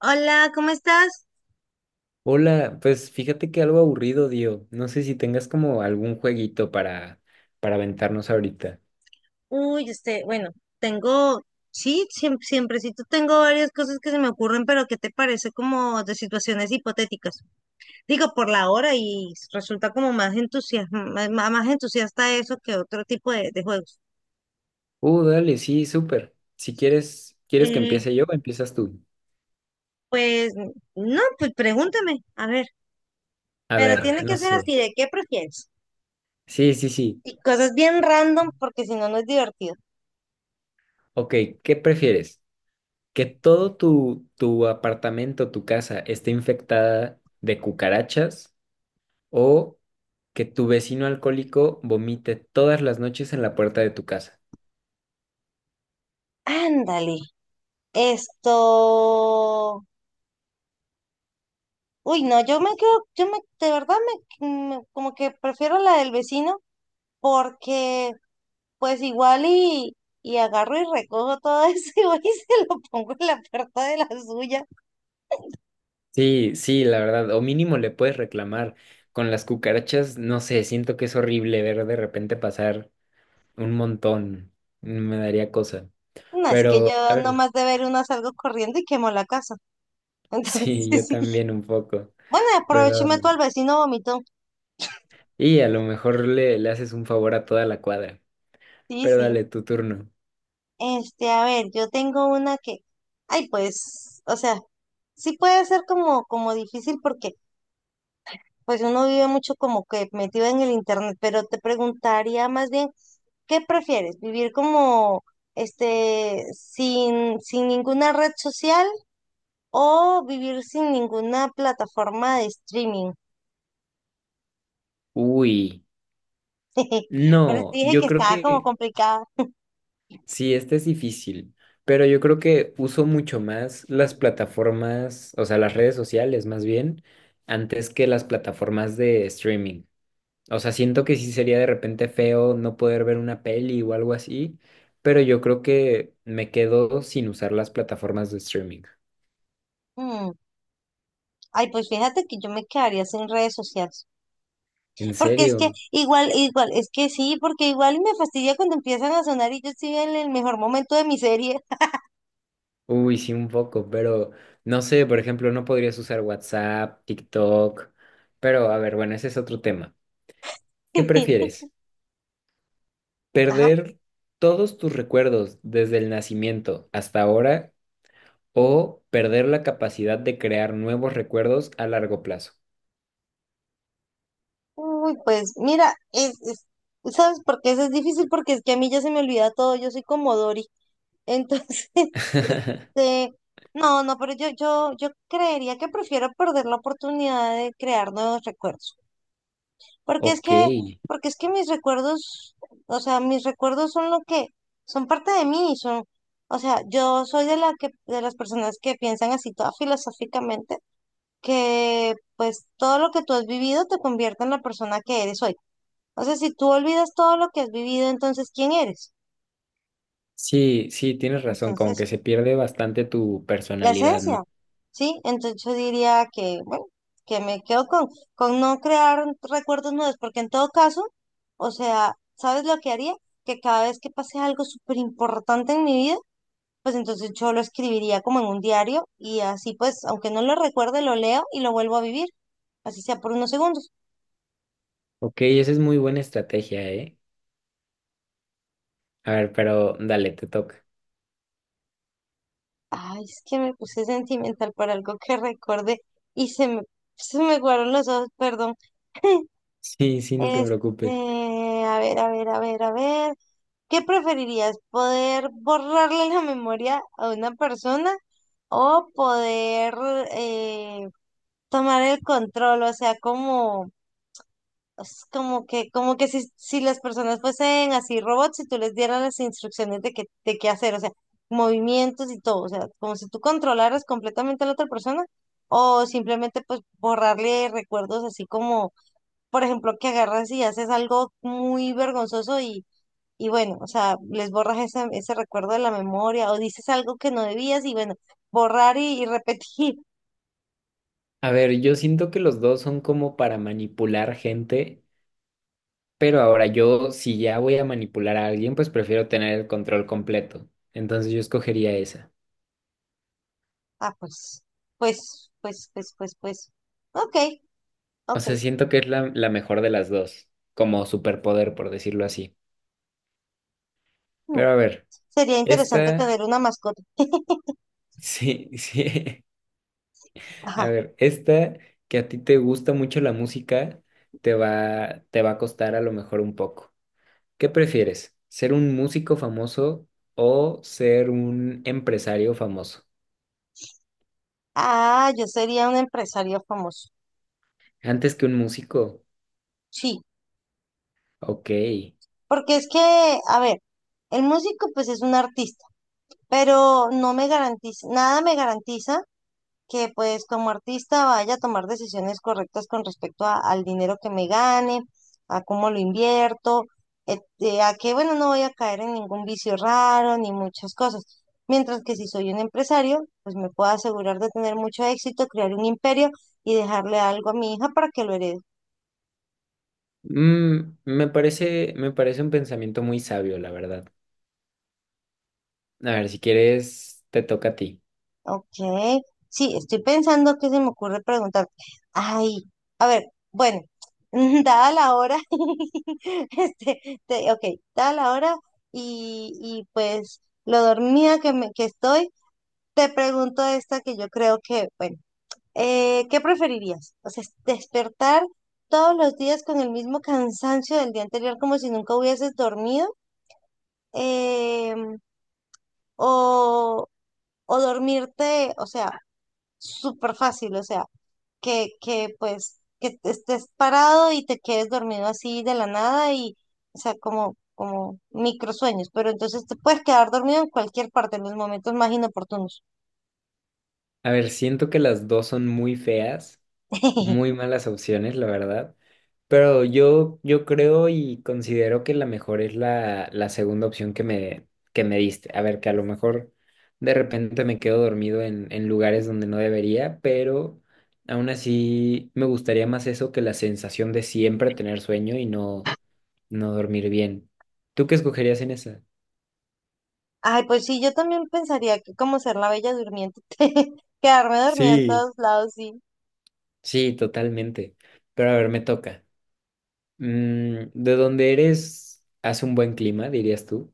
Hola, ¿cómo estás? Hola, pues fíjate que algo aburrido, Dio. No sé si tengas como algún jueguito para aventarnos ahorita. Uy, bueno, tengo, sí, siemprecito tengo varias cosas que se me ocurren, pero ¿qué te parece como de situaciones hipotéticas? Digo, por la hora y resulta como más más entusiasta eso que otro tipo de juegos. Dale, sí, súper. Si quieres, ¿quieres que Eh, empiece yo o empiezas tú? pues, no, pues pregúntame, a ver, A pero A ver, tiene ver. no Que ser sé. así, ¿de qué prefieres? Sí, sí, sí. Y cosas bien random, porque si no, no es divertido. Ok, ¿qué prefieres? ¿Que todo tu apartamento, tu casa, esté infectada de cucarachas o que tu vecino alcohólico vomite todas las noches en la puerta de tu casa? Ándale, esto... Uy, no, yo me quedo, yo me, de verdad como que prefiero la del vecino porque pues y agarro y recojo todo eso y voy y se lo pongo en la puerta de la suya. Sí, sí, la verdad, o mínimo le puedes reclamar. Con las cucarachas, no sé, siento que es horrible ver de repente pasar un montón. Me daría cosa. No, es que Pero, a yo ver, nomás de ver una salgo corriendo y quemo la casa. sí, yo Entonces, sí. también un poco. Bueno, aprovecho y Pero, meto al vecino vomitó. y a lo mejor le haces un favor a toda la cuadra. Sí, Pero sí. dale tu turno. A ver, yo tengo una ay, pues, o sea, sí puede ser como difícil porque pues uno vive mucho como que metido en el internet, pero te preguntaría más bien, ¿qué prefieres? ¿Vivir como este sin ninguna red social o vivir sin ninguna plataforma de streaming? Uy, Pero te no, dije que yo creo estaba como que complicada. sí, este es difícil, pero yo creo que uso mucho más las plataformas, o sea, las redes sociales más bien, antes que las plataformas de streaming. O sea, siento que sí sería de repente feo no poder ver una peli o algo así, pero yo creo que me quedo sin usar las plataformas de streaming. Mm. Ay, pues fíjate que yo me quedaría sin redes sociales. ¿En Porque es que serio? Igual, es que sí, porque igual me fastidia cuando empiezan a sonar y yo estoy en el mejor momento de mi serie. Uy, sí, un poco, pero no sé, por ejemplo, no podrías usar WhatsApp, TikTok, pero a ver, bueno, ese es otro tema. ¿Qué prefieres? Ajá. Perder todos tus recuerdos desde el nacimiento hasta ahora o perder la capacidad de crear nuevos recuerdos a largo plazo. Uy, pues mira, es- ¿sabes por qué eso es difícil? Porque es que a mí ya se me olvida todo, yo soy como Dory. Entonces, este, no, no, pero yo creería que prefiero perder la oportunidad de crear nuevos recuerdos. Porque es Ok. Porque es que mis recuerdos, o sea, mis recuerdos son lo que, son parte de mí, son, o sea, yo soy de de las personas que piensan así toda filosóficamente, que pues todo lo que tú has vivido te convierte en la persona que eres hoy. O sea, si tú olvidas todo lo que has vivido, entonces ¿quién eres? Sí, sí, tienes razón, como que Entonces, se pierde bastante tu la personalidad, ¿no? esencia, ¿sí? Entonces yo diría que, bueno, que me quedo con no crear recuerdos nuevos, porque en todo caso, o sea, ¿sabes lo que haría? Que cada vez que pase algo súper importante en mi vida, pues entonces yo lo escribiría como en un diario y así pues, aunque no lo recuerde, lo leo y lo vuelvo a vivir, así sea por unos segundos. Ok, esa es muy buena estrategia, ¿eh? A ver, pero dale, te toca. Ay, es que me puse sentimental por algo que recordé y se me guardaron los ojos, perdón. Sí, sí, no te preocupes. Este, a ver. ¿Qué preferirías? ¿Poder borrarle la memoria a una persona o poder eh, tomar el control? O sea, como, es como como que si las personas fuesen así robots y tú les dieras las instrucciones de de qué hacer, o sea, movimientos y todo, o sea, como si tú controlaras completamente a la otra persona o simplemente pues borrarle recuerdos así como por ejemplo, que agarras y haces algo muy vergonzoso y bueno, o sea, les borras ese recuerdo de la memoria o dices algo que no debías y bueno, borrar y repetir. A ver, yo siento que los dos son como para manipular gente. Pero ahora yo, si ya voy a manipular a alguien, pues prefiero tener el control completo. Entonces yo escogería esa. Ah, pues. Ok, O ok. sea, siento que es la mejor de las dos, como superpoder, por decirlo así. Mm. Pero a ver, Sería interesante esta, tener una mascota. sí, sí. A Ajá. ver, esta que a ti te gusta mucho la música, te va a costar a lo mejor un poco. ¿Qué prefieres? ¿Ser un músico famoso o ser un empresario famoso? Ah, yo sería un empresario famoso. Antes que un músico. Sí, Ok. porque es que, a ver, el músico pues es un artista, pero no me garantiza, nada me garantiza que pues como artista vaya a tomar decisiones correctas con respecto a- al dinero que me gane, a cómo lo invierto, este, a que bueno, no voy a caer en ningún vicio raro ni muchas cosas. Mientras que si soy un empresario, pues me puedo asegurar de tener mucho éxito, crear un imperio y dejarle algo a mi hija para que lo herede. Mm, me parece un pensamiento muy sabio, la verdad. A ver, si quieres, te toca a ti. Ok, sí, estoy pensando que se me ocurre preguntar. Ay, a ver, bueno, dada la hora, ok, dada la hora y pues lo dormida que estoy, te pregunto esta que yo creo que, bueno, ¿qué preferirías? O sea, despertar todos los días con el mismo cansancio del día anterior como si nunca hubieses dormido, em, o, o dormirte, o sea, súper fácil, o sea que pues que te estés parado y te quedes dormido así de la nada y, o sea, como microsueños, pero entonces te puedes quedar dormido en cualquier parte, en los momentos más inoportunos. A ver, siento que las dos son muy feas, muy malas opciones, la verdad. Pero yo creo y considero que la mejor es la segunda opción que me diste. A ver, que a lo mejor de repente me quedo dormido en lugares donde no debería, pero aún así me gustaría más eso que la sensación de siempre tener sueño y no dormir bien. ¿Tú qué escogerías en esa? Ay, pues sí, yo también pensaría que como ser la bella durmiente, quedarme dormida en Sí, todos lados, sí. sí, totalmente. Pero a ver, me toca. Mm, ¿de dónde eres? ¿Hace un buen clima, dirías tú?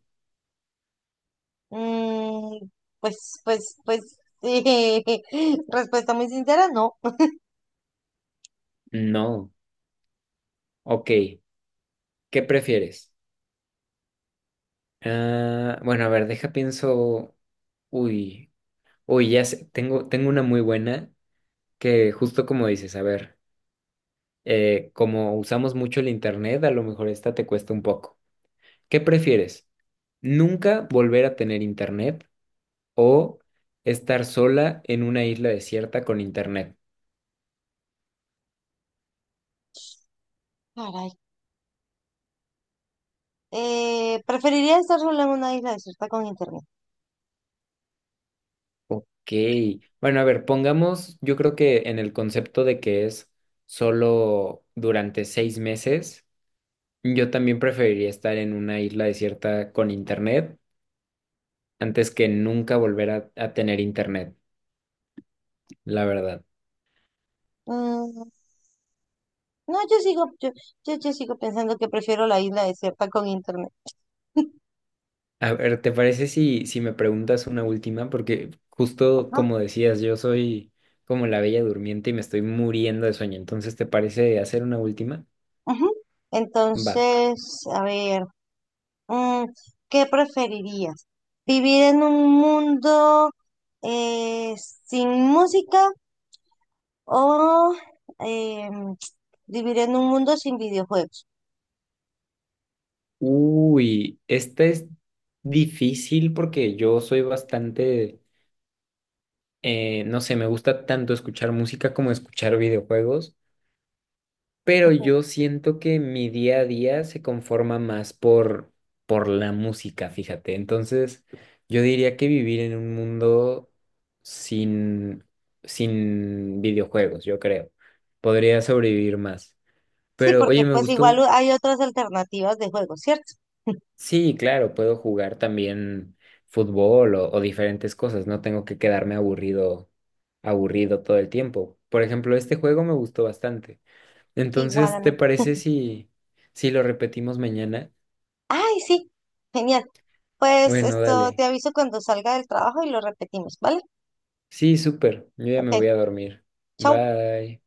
Mm, pues, sí. Respuesta muy sincera, no. No. Ok. ¿Qué prefieres? Ah, bueno, a ver, deja pienso. Uy, uy, ya sé, tengo, tengo una muy buena que justo como dices, a ver, como usamos mucho el internet, a lo mejor esta te cuesta un poco. ¿Qué prefieres? ¿Nunca volver a tener internet o estar sola en una isla desierta con internet? Caray. Preferiría estar sola en una isla desierta con internet. Ok. Bueno, a ver, pongamos, yo creo que en el concepto de que es solo durante 6 meses, yo también preferiría estar en una isla desierta con internet antes que nunca volver a tener internet, la verdad. Mm. No, yo sigo pensando que prefiero la isla desierta con internet, A ver, ¿te parece si, si me preguntas una última? Porque justo ¿no? como decías, yo soy como la bella durmiente y me estoy muriendo de sueño. Entonces, ¿te parece hacer una última? Ujú. Va. Entonces, a ver, mm, ¿qué preferirías? ¿Vivir en un mundo eh, sin música o em, vivir en un mundo sin videojuegos? Uy, esta es difícil porque yo soy bastante, no sé, me gusta tanto escuchar música como escuchar videojuegos, pero Ujú. yo siento que mi día a día se conforma más por la música, fíjate. Entonces, yo diría que vivir en un mundo sin, sin videojuegos, yo creo. Podría sobrevivir más. Sí, Pero, porque oye, me pues igual gustó. u- hay otras alternativas de juegos, ¿cierto? Sí, claro, puedo jugar también fútbol o diferentes cosas, no tengo que quedarme aburrido todo el tiempo. Por ejemplo, este juego me gustó bastante. Igual a Entonces, ¿te mí. parece si, si lo repetimos mañana? Ay, sí, genial. Pues Bueno, esto dale. te aviso cuando salga del trabajo y lo repetimos, ¿vale? Sí, súper. Yo ya me voy Ok. a dormir. Chau. Bye.